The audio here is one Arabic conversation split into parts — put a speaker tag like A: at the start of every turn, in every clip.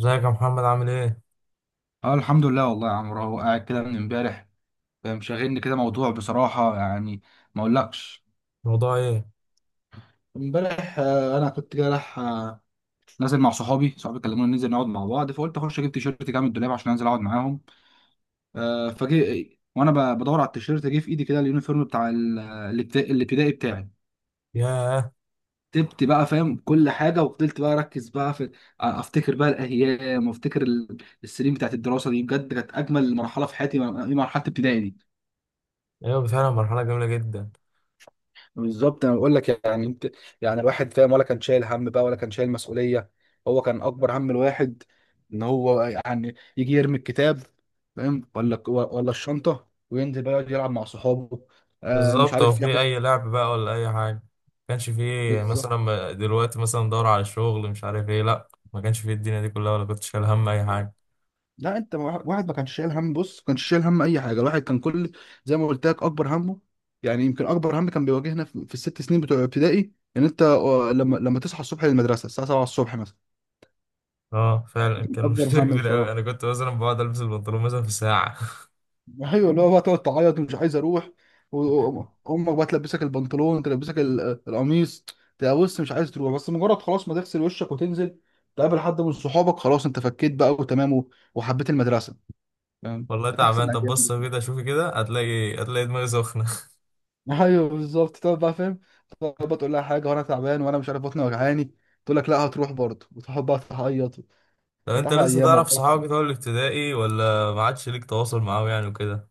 A: ازيك يا محمد عامل ايه؟
B: اه الحمد لله والله يا عمرو، اهو قاعد كده من امبارح. مشغلني كده موضوع بصراحة يعني، ما اقولكش.
A: الموضوع ايه؟
B: امبارح، انا كنت كده رايح نازل مع صحابي، صحابي كلموني ننزل نقعد مع بعض، فقلت اخش اجيب تيشيرت كده من الدولاب عشان انزل اقعد معاهم. فجي وانا بدور على التيشيرت، جه في ايدي كده اليونيفورم بتاع الابتدائي بتاعي.
A: ياه.
B: كتبت بقى فاهم كل حاجة، وفضلت بقى اركز بقى في، افتكر بقى الايام، وافتكر السنين بتاعت الدراسة دي، بجد كانت اجمل مرحلة في حياتي، مرحلة ابتدائي دي.
A: ايوه فعلا مرحلة جميلة جدا.
B: بالظبط انا بقول لك، يعني انت يعني الواحد فاهم، ولا كان شايل هم بقى، ولا كان شايل مسؤوليه. هو كان اكبر هم الواحد ان هو يعني يجي يرمي الكتاب، فاهم، ولا الشنطه، وينزل بقى يقعد يلعب مع صحابه. مش
A: بالظبط، هو
B: عارف
A: في
B: ياخد.
A: اي لعب بقى ولا اي حاجة. ما كانش فيه
B: بالظبط.
A: مثلا دلوقتي مثلا دور على الشغل مش عارف ايه، لا ما كانش فيه الدنيا دي كلها ولا كنت شايل هم اي حاجة.
B: لا انت، واحد واحد ما كانش شايل هم، بص ما كانش شايل هم اي حاجه، الواحد كان كل، زي ما قلت لك، اكبر همه. يعني يمكن اكبر هم كان بيواجهنا في الست سنين بتوع ابتدائي، ان انت لما تصحى الصبح للمدرسه الساعه 7 الصبح مثلا.
A: اه فعلا
B: دي كان
A: كان
B: اكبر
A: مشكلة
B: هم
A: كبيرة اوي،
B: بصراحه.
A: انا كنت مثلا بقعد البس البنطلون مثلا في ساعة.
B: ايوه، اللي هو بقى تقعد تعيط ومش عايز اروح، وامك بقى تلبسك البنطلون، تلبسك القميص، تبقى بص مش عايز تروح، بس مجرد خلاص ما تغسل وشك وتنزل تقابل حد من صحابك، خلاص انت فكيت بقى وتمام وحبيت المدرسه، فاهم.
A: والله
B: كانت
A: تعبان.
B: احسن ايام
A: طب بص
B: بصراحة.
A: كده، شوفي كده هتلاقي دماغي سخنة.
B: ايوه بالظبط تقعد بقى فاهم، تقعد بقى تقول لها حاجه، وانا تعبان وانا مش عارف بطني وجعاني، تقول لك لا هتروح برضه، وتقعد بقى تعيط.
A: طب
B: كانت
A: انت
B: احلى
A: لسه
B: ايام
A: تعرف
B: والله.
A: صحابك بتوع الابتدائي ولا ما عادش ليك تواصل معاهم يعني وكده؟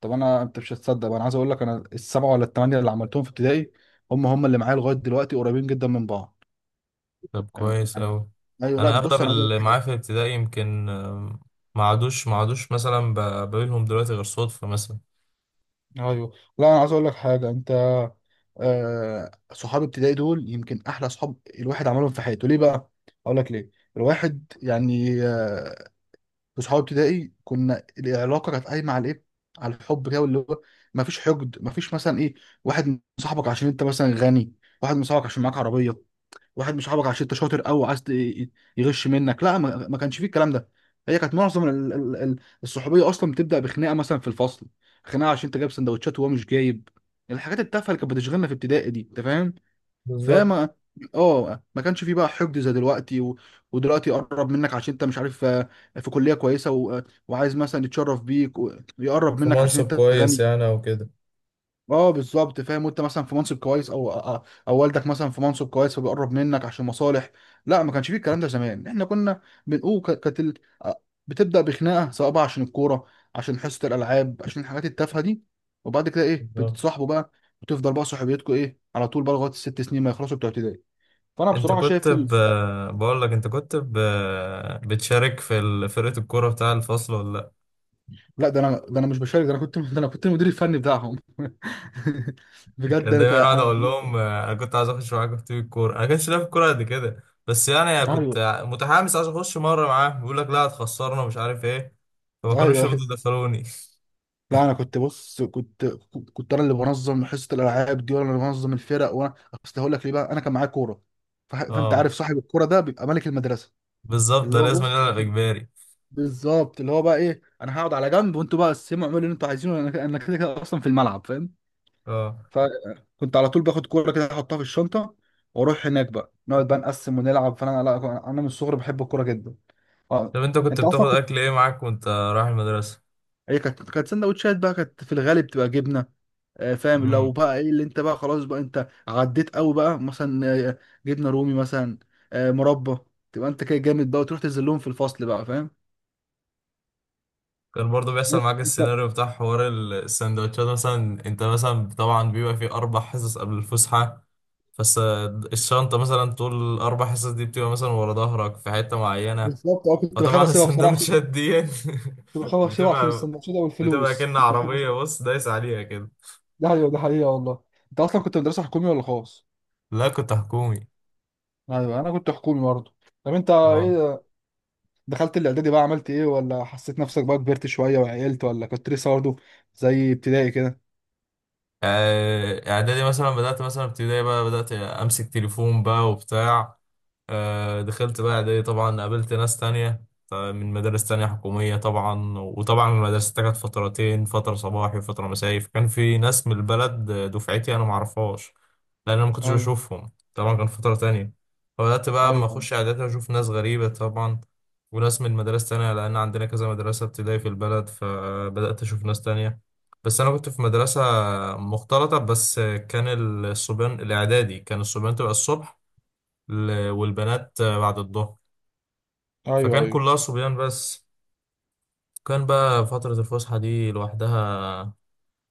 B: طب انا، انت مش هتصدق بقى، انا عايز اقول لك، انا السبعه ولا الثمانيه اللي عملتهم في ابتدائي، هم هم اللي معايا لغايه دلوقتي قريبين جدا من بعض.
A: طب
B: يعني
A: كويس
B: يعني-
A: أوي.
B: ايوه لا
A: أنا
B: بص،
A: أغلب
B: انا عايز اقول
A: اللي
B: لك حاجه.
A: معايا في الابتدائي يمكن ما عادوش مثلا بقابلهم دلوقتي غير صدفة مثلا.
B: ايوه لا انا عايز اقول لك حاجه، انت. صحاب ابتدائي دول يمكن احلى صحاب الواحد عملهم في حياته. ليه بقى؟ اقول لك ليه. الواحد يعني، في صحاب ابتدائي كنا، العلاقه كانت قايمه على ايه؟ على الحب كده، واللي هو ما فيش حقد، ما فيش مثلا ايه، واحد مصاحبك عشان انت مثلا غني، واحد مصاحبك عشان معاك عربيه، واحد مش صاحبك عشان انت شاطر قوي عايز يغش منك، لا ما كانش فيه الكلام ده. هي كانت معظم الصحوبيه اصلا بتبدا بخناقه مثلا في الفصل، خناقه عشان انت جايب سندوتشات وهو مش جايب، الحاجات التافهه اللي كانت بتشغلنا في ابتدائي دي انت فاهم.
A: بالظبط.
B: فما اه ما كانش فيه بقى حقد زي دلوقتي و... ودلوقتي يقرب منك عشان انت مش عارف، في كليه كويسه و... وعايز مثلا يتشرف بيك ويقرب
A: في
B: منك عشان
A: منصب
B: انت
A: كويس
B: غني.
A: يعني او كده.
B: اه بالظبط فاهم، وانت مثلا في منصب كويس، او والدك مثلا في منصب كويس، فبيقرب منك عشان مصالح. لا ما كانش فيه الكلام ده، زمان احنا كنا بنقول كانت آه، بتبدا بخناقه، سواء بقى عشان الكوره، عشان حصه الالعاب، عشان الحاجات التافهه دي، وبعد كده ايه،
A: بالظبط.
B: بتتصاحبوا بقى. وتفضل بقى صحوبيتكم ايه على طول بقى لغايه الست سنين ما يخلصوا بتوع ابتدائي. فانا
A: أنت
B: بصراحه
A: كنت
B: شايف
A: ب...
B: ال...
A: بقول لك أنت كنت بتشارك في فرقة الكورة بتاع الفصل ولا لأ؟
B: لا ده انا مش بشارك، ده انا كنت المدير الفني بتاعهم. بجد
A: كان دايما أقعد أقول لهم أنا كنت عايز أخش معاكم في تيم الكورة. أنا كنتش لاعب كورة قد كده، بس يعني
B: ايوه
A: كنت متحمس عايز أخش مرة معاه، بيقول لك لا هتخسرنا مش عارف إيه، فما كانوش
B: ايوه،
A: يرضوا يدخلوني.
B: لا انا كنت بص كنت انا اللي بنظم حصه الالعاب دي، وانا اللي بنظم الفرق، وانا اصل هقول لك ليه بقى، انا كان معايا كوره. فانت
A: أه
B: عارف صاحب الكوره ده بيبقى ملك المدرسه.
A: بالظبط،
B: اللي
A: ده
B: هو
A: لازم
B: بص
A: يلعب اجباري.
B: بالظبط، اللي هو بقى ايه، انا هقعد على جنب، وانتوا بقى قسموا اعملوا اللي انتوا عايزينه، انا كده كده اصلا في الملعب، فاهم.
A: اه
B: فكنت على طول باخد كوره كده احطها في الشنطه، واروح هناك بقى نقعد بقى نقسم ونلعب. فانا لا، انا من الصغر بحب الكوره جدا آه،
A: طب انت كنت
B: انت اصلا
A: بتاخد
B: كنت،
A: اكل ايه معاك وانت رايح المدرسه؟
B: هي كانت سندوتشات بقى، كانت في الغالب بتبقى جبنه. فاهم، لو
A: امم
B: بقى ايه اللي انت بقى خلاص بقى، انت عديت قوي بقى مثلا، جبنه رومي مثلا، مربى، تبقى انت كده جامد بقى، وتروح تنزل في الفصل بقى فاهم.
A: كان برضو بيحصل معاك
B: انت
A: السيناريو بتاع حوار السندوتشات مثلا؟ انت مثلا طبعا بيبقى فيه اربع حصص قبل الفسحه. فس الشنطه مثلا طول الاربع حصص دي بتبقى مثلا ورا ظهرك في حته معينه،
B: بالظبط، اه، كنت بخاف
A: فطبعا
B: اسيبها بصراحه، عشان
A: السندوتشات دي
B: كنت بخاف اسيبها عشان
A: بتبقى
B: السندوتشات او
A: بتبقى
B: الفلوس
A: كأن
B: كنت بخاف
A: عربيه
B: اسيبها.
A: بص دايس عليها كده.
B: ده حقيقه ده حقيقه والله. انت اصلا كنت مدرسه حكومي ولا خاص؟
A: لا كنت حكومي.
B: ايوه انا كنت حكومي برضه. طب انت
A: اه.
B: ايه، دخلت الاعدادي بقى عملت ايه، ولا حسيت نفسك بقى كبرت شويه وعقلت، ولا كنت لسه برضه زي ابتدائي كده؟
A: اعدادي مثلا بدأت مثلا ابتدائي بقى بدأت امسك تليفون بقى وبتاع. دخلت بقى، دي طبعا قابلت ناس تانية من مدارس تانية حكومية طبعا، وطبعا المدرسة دي كانت فترتين، فترة صباحي وفترة مسائي، فكان في ناس من البلد دفعتي أنا معرفهاش، لأن أنا ما كنتش
B: ايوه
A: بشوفهم طبعا، كان فترة تانية. فبدأت بقى أما
B: ايوه
A: أخش إعدادي أشوف ناس غريبة طبعا، وناس من مدارس تانية، لأن عندنا كذا مدرسة ابتدائي في البلد، فبدأت أشوف ناس تانية. بس أنا كنت في مدرسة مختلطة، بس كان الصبيان الإعدادي كان الصبيان تبقى الصبح والبنات بعد الظهر.
B: ايوه
A: فكان
B: ايوه
A: كلها صبيان بس. كان بقى فترة الفسحة دي لوحدها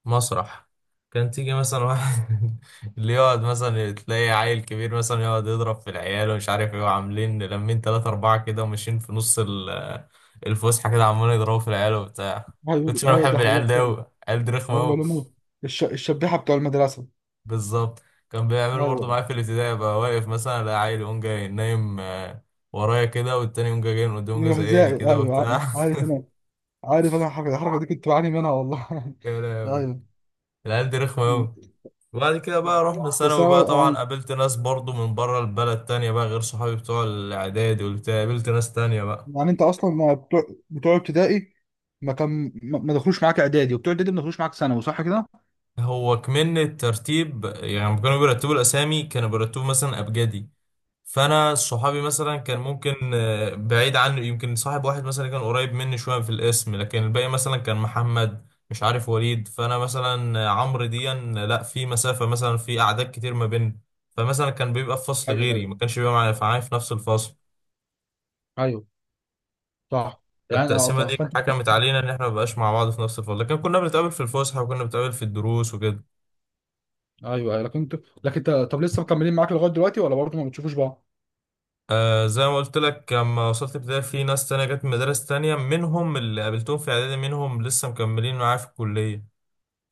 A: مسرح. كان تيجي مثلا واحد اللي يقعد مثلا تلاقي عيل كبير مثلا يقعد يضرب في العيال ومش عارف ايه، وعاملين لمين تلاتة أربعة كده وماشيين في نص الفسحة كده عمالين يضربوا في العيال وبتاع.
B: ايوه
A: كنتش أنا
B: ايوه دي
A: بحب
B: حقيقة
A: العيال ده
B: فعلا.
A: أوي، العيال دي رخمة
B: ايوه
A: أوي.
B: لمو الشبيحة بتوع المدرسة.
A: بالظبط. كان بيعملوا برضه
B: ايوه
A: معايا في الابتدائي، بقى واقف مثلا ألاقي عيل يقوم جاي نايم ورايا كده، والتاني يقوم جاي جاي من قدام يقوم جاي زيقني
B: الحذاء،
A: كده
B: ايوه
A: وبتاع.
B: عارف انا الحركة دي كنت بعاني منها والله.
A: يا لهوي،
B: ايوه
A: العيال دي رخمة
B: م.
A: أوي. وبعد كده بقى رحنا
B: بس
A: ثانوي
B: انا
A: بقى، طبعا قابلت ناس برضو من بره البلد تانية بقى غير صحابي بتوع الإعدادي والبتاع، قابلت ناس تانية بقى.
B: يعني انت اصلا ما بتوع ابتدائي ما كان ما ما دخلوش معاك اعدادي، وبتوع اعدادي ما دخلوش معاك ثانوي، صح كده؟
A: هو كمان الترتيب يعني لما كانوا بيرتبوا الأسامي كانوا بيرتبوا مثلا أبجدي، فانا صحابي مثلا كان ممكن بعيد عنه، يمكن صاحب واحد مثلا كان قريب مني شويه في الاسم، لكن الباقي مثلا كان محمد مش عارف وليد، فانا مثلا عمرو ديا لا، في مسافه مثلا في اعداد كتير ما بيننا. فمثلا كان بيبقى في فصل
B: ايوه
A: غيري،
B: ايوه
A: ما كانش بيبقى معايا في نفس الفصل.
B: ايوه صح. يعني اه
A: التقسيمه دي
B: فانت
A: حكمت علينا ان احنا ما بقاش مع بعض في نفس الفصل، لكن كنا بنتقابل في الفسحه وكنا بنتقابل في الدروس وكده.
B: ايوه أيوة، لكن انت طب لسه مكملين معاك لغايه دلوقتي ولا برضه ما بتشوفوش بعض؟
A: آه زي ما قلت لك، لما وصلت ابتدائي في ناس تانية جت من مدارس تانية، منهم اللي قابلتهم في اعدادي، منهم لسه مكملين معايا في الكليه.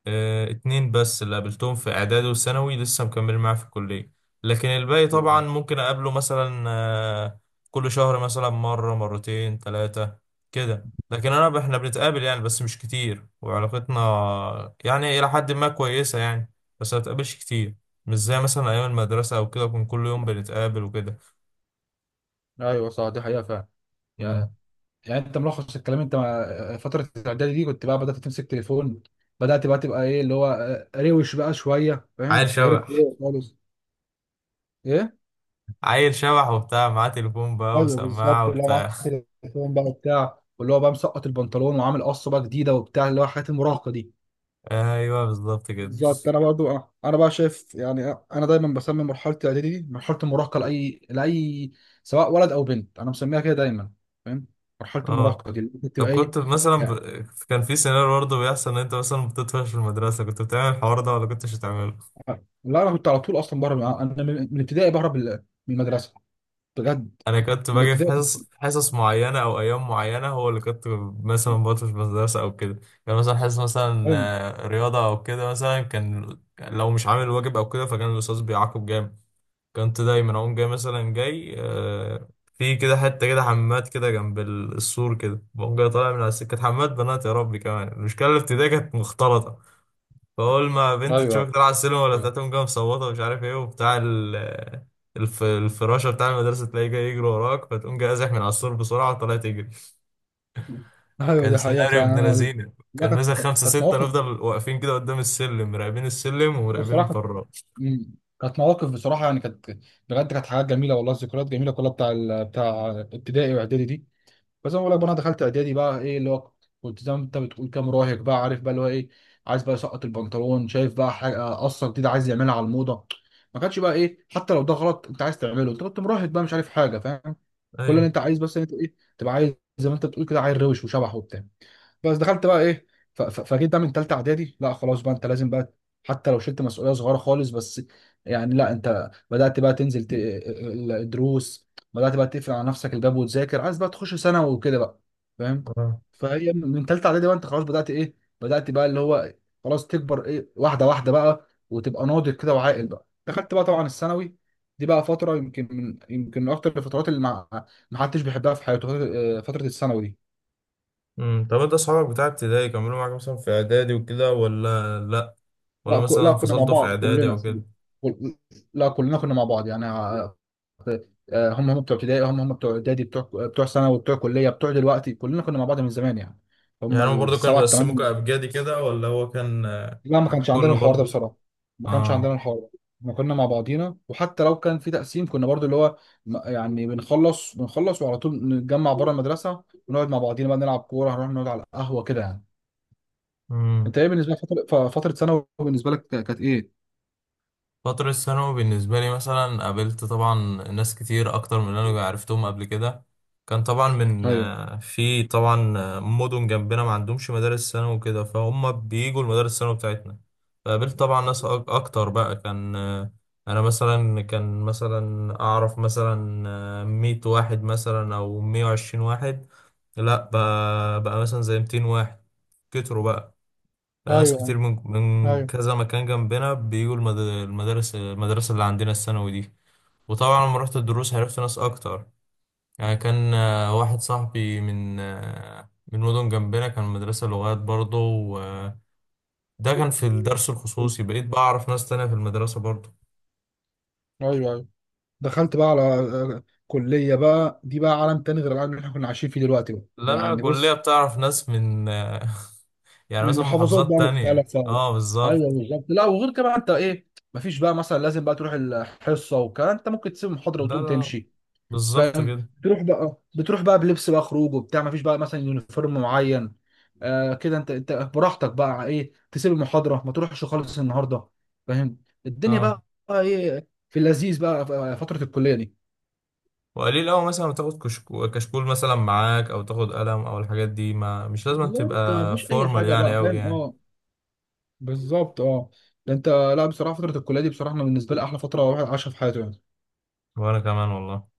A: اتنين بس اللي قابلتهم في اعدادي وثانوي لسه مكمل معاه في الكلية. لكن الباقي طبعا
B: أيوة.
A: ممكن اقابله مثلا كل شهر مثلا مرة مرتين ثلاثة كده. لكن انا، احنا بنتقابل يعني بس مش كتير، وعلاقتنا يعني الى حد ما كويسة يعني، بس ما بتقابلش كتير. مش زي مثلا ايام المدرسة او كده، كنا كل يوم بنتقابل وكده.
B: ايوه صح دي حقيقة فعلا. يعني
A: مم.
B: يعني انت ملخص الكلام، انت مع فتره الاعدادي دي، كنت بقى بدات تمسك تليفون، بدات بقى تبقى ايه اللي هو، روش بقى شويه
A: عيل
B: فاهم، غير
A: شبح.
B: الكوره خالص. ايه،
A: عيل شبح وبتاع، معاه تليفون بقى
B: ايوه
A: وسماعة
B: بالظبط، اللي هو معاه
A: وبتاع.
B: تليفون بقى وبتاع، واللي هو بقى مسقط البنطلون وعامل قصه بقى جديده وبتاع، اللي هو حاجات المراهقه دي.
A: ايوه بالظبط كده.
B: بالظبط انا برضو، انا بقى شايف يعني، انا دايما بسمي مرحله الاعدادي دي مرحله المراهقه، لاي لاي، سواء ولد او بنت، انا مسميها كده دايما، فاهم، مرحله
A: اه
B: المراهقه دي اللي
A: طب
B: بتبقى ايه.
A: كنت مثلا كان في سيناريو برضه بيحصل ان انت مثلا بتطفش في المدرسه، كنت بتعمل الحوار ده ولا كنتش بتعمله؟
B: لا انا كنت على طول اصلا بهرب انا من ابتدائي، بهرب من المدرسه بجد،
A: انا كنت
B: من
A: باجي في
B: ابتدائي.
A: حصص حصص معينه او ايام معينه، هو اللي كنت مثلا بطفش في المدرسه او كده. كان مثلا حصص مثلا
B: ايوه
A: رياضه او كده، مثلا كان لو مش عامل واجب او كده فكان الاستاذ بيعاقب جامد. كنت دايما اقوم جاي مثلا جاي في كده حته كده حماد كده جنب السور كده، بقوم جاي طالع من على السكه حماد بنات. يا ربي كمان المشكله الابتدائيه كانت مختلطه، فأول ما بنت
B: ايوه
A: تشوفك طالعة على السلم ولا بتاع تقوم جاية مصوتة ومش عارف ايه وبتاع الفراشة بتاع المدرسة تلاقيه جاي يجري وراك، فتقوم جاي ازح من على السور بسرعة وطلع تجري.
B: ايوه
A: كان
B: دي حقيقه
A: سيناريو
B: فعلا.
A: ابن
B: انا
A: لذينة،
B: لا،
A: كان مثلا
B: كانت
A: خمسة
B: كانت
A: ستة
B: مواقف
A: نفضل واقفين كده قدام السلم مراقبين السلم ومراقبين
B: بصراحه كانت.
A: الفراش.
B: مم. كانت مواقف بصراحه يعني كانت، بجد كانت حاجات جميله والله، ذكريات جميله كلها بتاع بتاع ابتدائي واعدادي دي. فزي ما بقول لك بقى، انا دخلت اعدادي بقى، ايه اللي هو كنت زي ما انت بتقول كام مراهق بقى عارف بقى اللي هو ايه، عايز بقى يسقط البنطلون، شايف بقى حاجه، قصه جديده عايز يعملها على الموضه. ما كانش بقى ايه، حتى لو ده غلط انت عايز تعمله، انت كنت مراهق بقى مش عارف حاجه فاهم. كل اللي
A: أيوه.
B: انت عايز، بس انت ايه تبقى عايز، زي ما انت بتقول كده عيل روش وشبح وبتاع. بس دخلت بقى ايه، فجيت بقى من تالتة اعدادي، لا خلاص بقى انت لازم بقى، حتى لو شلت مسؤولية صغيرة خالص، بس يعني لا انت بدأت بقى تنزل الدروس، بدأت بقى تقفل على نفسك الباب وتذاكر عايز بقى تخش ثانوي وكده بقى، فاهم.
A: آه.
B: فهي من تالتة اعدادي بقى انت خلاص بدأت ايه، بدأت بقى اللي هو خلاص تكبر ايه واحدة واحدة بقى، وتبقى ناضج كده وعاقل بقى. دخلت بقى طبعا الثانوي، دي بقى فترة يمكن من أكتر الفترات اللي ما حدش بيحبها في حياته، فترة فترة الثانوي دي.
A: طب انت اصحابك بتاع ابتدائي كملوا معاك مثلا في اعدادي وكده ولا لا؟ ولا
B: لا
A: مثلا
B: لا كنا مع
A: انفصلتوا في
B: بعض
A: اعدادي
B: كلنا،
A: او كده؟
B: كل- لا كلنا كنا مع بعض يعني، هم هم بتوع ابتدائي، هم هم بتوع اعدادي، بتوع ثانوي، بتوع كليه، بتوع دلوقتي، كلنا كنا مع بعض من زمان يعني، هم
A: يعني هم برضه كانوا
B: السبعه
A: بيقسموك
B: الثمانيه.
A: ابجدي كده ولا هو كان
B: لا ما كانش عندنا
A: كله
B: الحوار ده
A: برضه؟
B: بصراحه، ما كانش عندنا
A: اه.
B: الحوار ده. احنا كنا مع بعضينا، وحتى لو كان في تقسيم كنا برضو اللي هو يعني بنخلص وعلى طول نتجمع بره المدرسه، ونقعد مع بعضينا بقى نلعب كوره، هنروح نقعد على القهوه كده يعني.
A: امم
B: انت ايه بالنسبه لك فتره، فتره ثانوي بالنسبه لك كانت ايه؟
A: فترة الثانوي بالنسبة لي مثلا قابلت طبعا ناس كتير أكتر من اللي أنا عرفتهم قبل كده. كان طبعا من
B: ايوه
A: في طبعا مدن جنبنا ما عندهمش مدارس ثانوي وكده، فهم بيجوا المدارس الثانوي بتاعتنا. فقابلت طبعا ناس أكتر بقى، كان أنا مثلا كان مثلا أعرف مثلا 100 واحد مثلا أو 120 واحد، لأ بقى, مثلا زي 200 واحد، كتروا بقى. بقى ناس
B: ايوه
A: كتير من
B: ايوه
A: كذا مكان جنبنا بيجوا المد- المدارس المدرسة اللي عندنا الثانوي دي. وطبعا لما رحت الدروس عرفت ناس أكتر. يعني كان واحد صاحبي من مدن جنبنا، كان مدرسة لغات برضه، وده كان في الدرس الخصوصي، بقيت بعرف ناس تانية في المدرسة برضه.
B: ايوه ايوه. دخلت بقى على كليه بقى، دي بقى عالم تاني غير العالم اللي احنا كنا عايشين فيه دلوقتي بقى
A: لا لا،
B: يعني
A: الكلية
B: بص،
A: بتعرف ناس من يعني
B: من
A: مثلا
B: محافظات
A: محافظات
B: بقى
A: تانية.
B: مختلفه،
A: اه
B: ايوه
A: بالظبط.
B: بالظبط. لا وغير كده بقى انت ايه، مفيش بقى مثلا لازم بقى تروح الحصه والكلام، انت ممكن تسيب المحاضره
A: لا
B: وتقوم
A: لا،
B: تمشي،
A: بالظبط
B: فاهم.
A: كده.
B: تروح بقى، بتروح بقى بلبس بقى خروج وبتاع، مفيش بقى مثلا يونيفورم معين، كده انت براحتك بقى ايه تسيب المحاضره، ما تروحش خالص النهارده، فاهم. الدنيا
A: اه.
B: بقى ايه في اللذيذ بقى في فتره الكليه دي.
A: وقليل أوي مثلا ما تاخد كشكول مثلا معاك أو تاخد قلم أو الحاجات دي، ما مش لازم
B: بالظبط
A: تبقى
B: مفيش اي
A: فورمال
B: حاجه
A: يعني
B: بقى،
A: أوي
B: فاهم
A: يعني.
B: اه. بالظبط اه، ده انت لا بصراحه، فتره الكليه دي بصراحه انا بالنسبه لي احلى فتره واحد عاشها في حياته يعني.
A: وأنا كمان والله.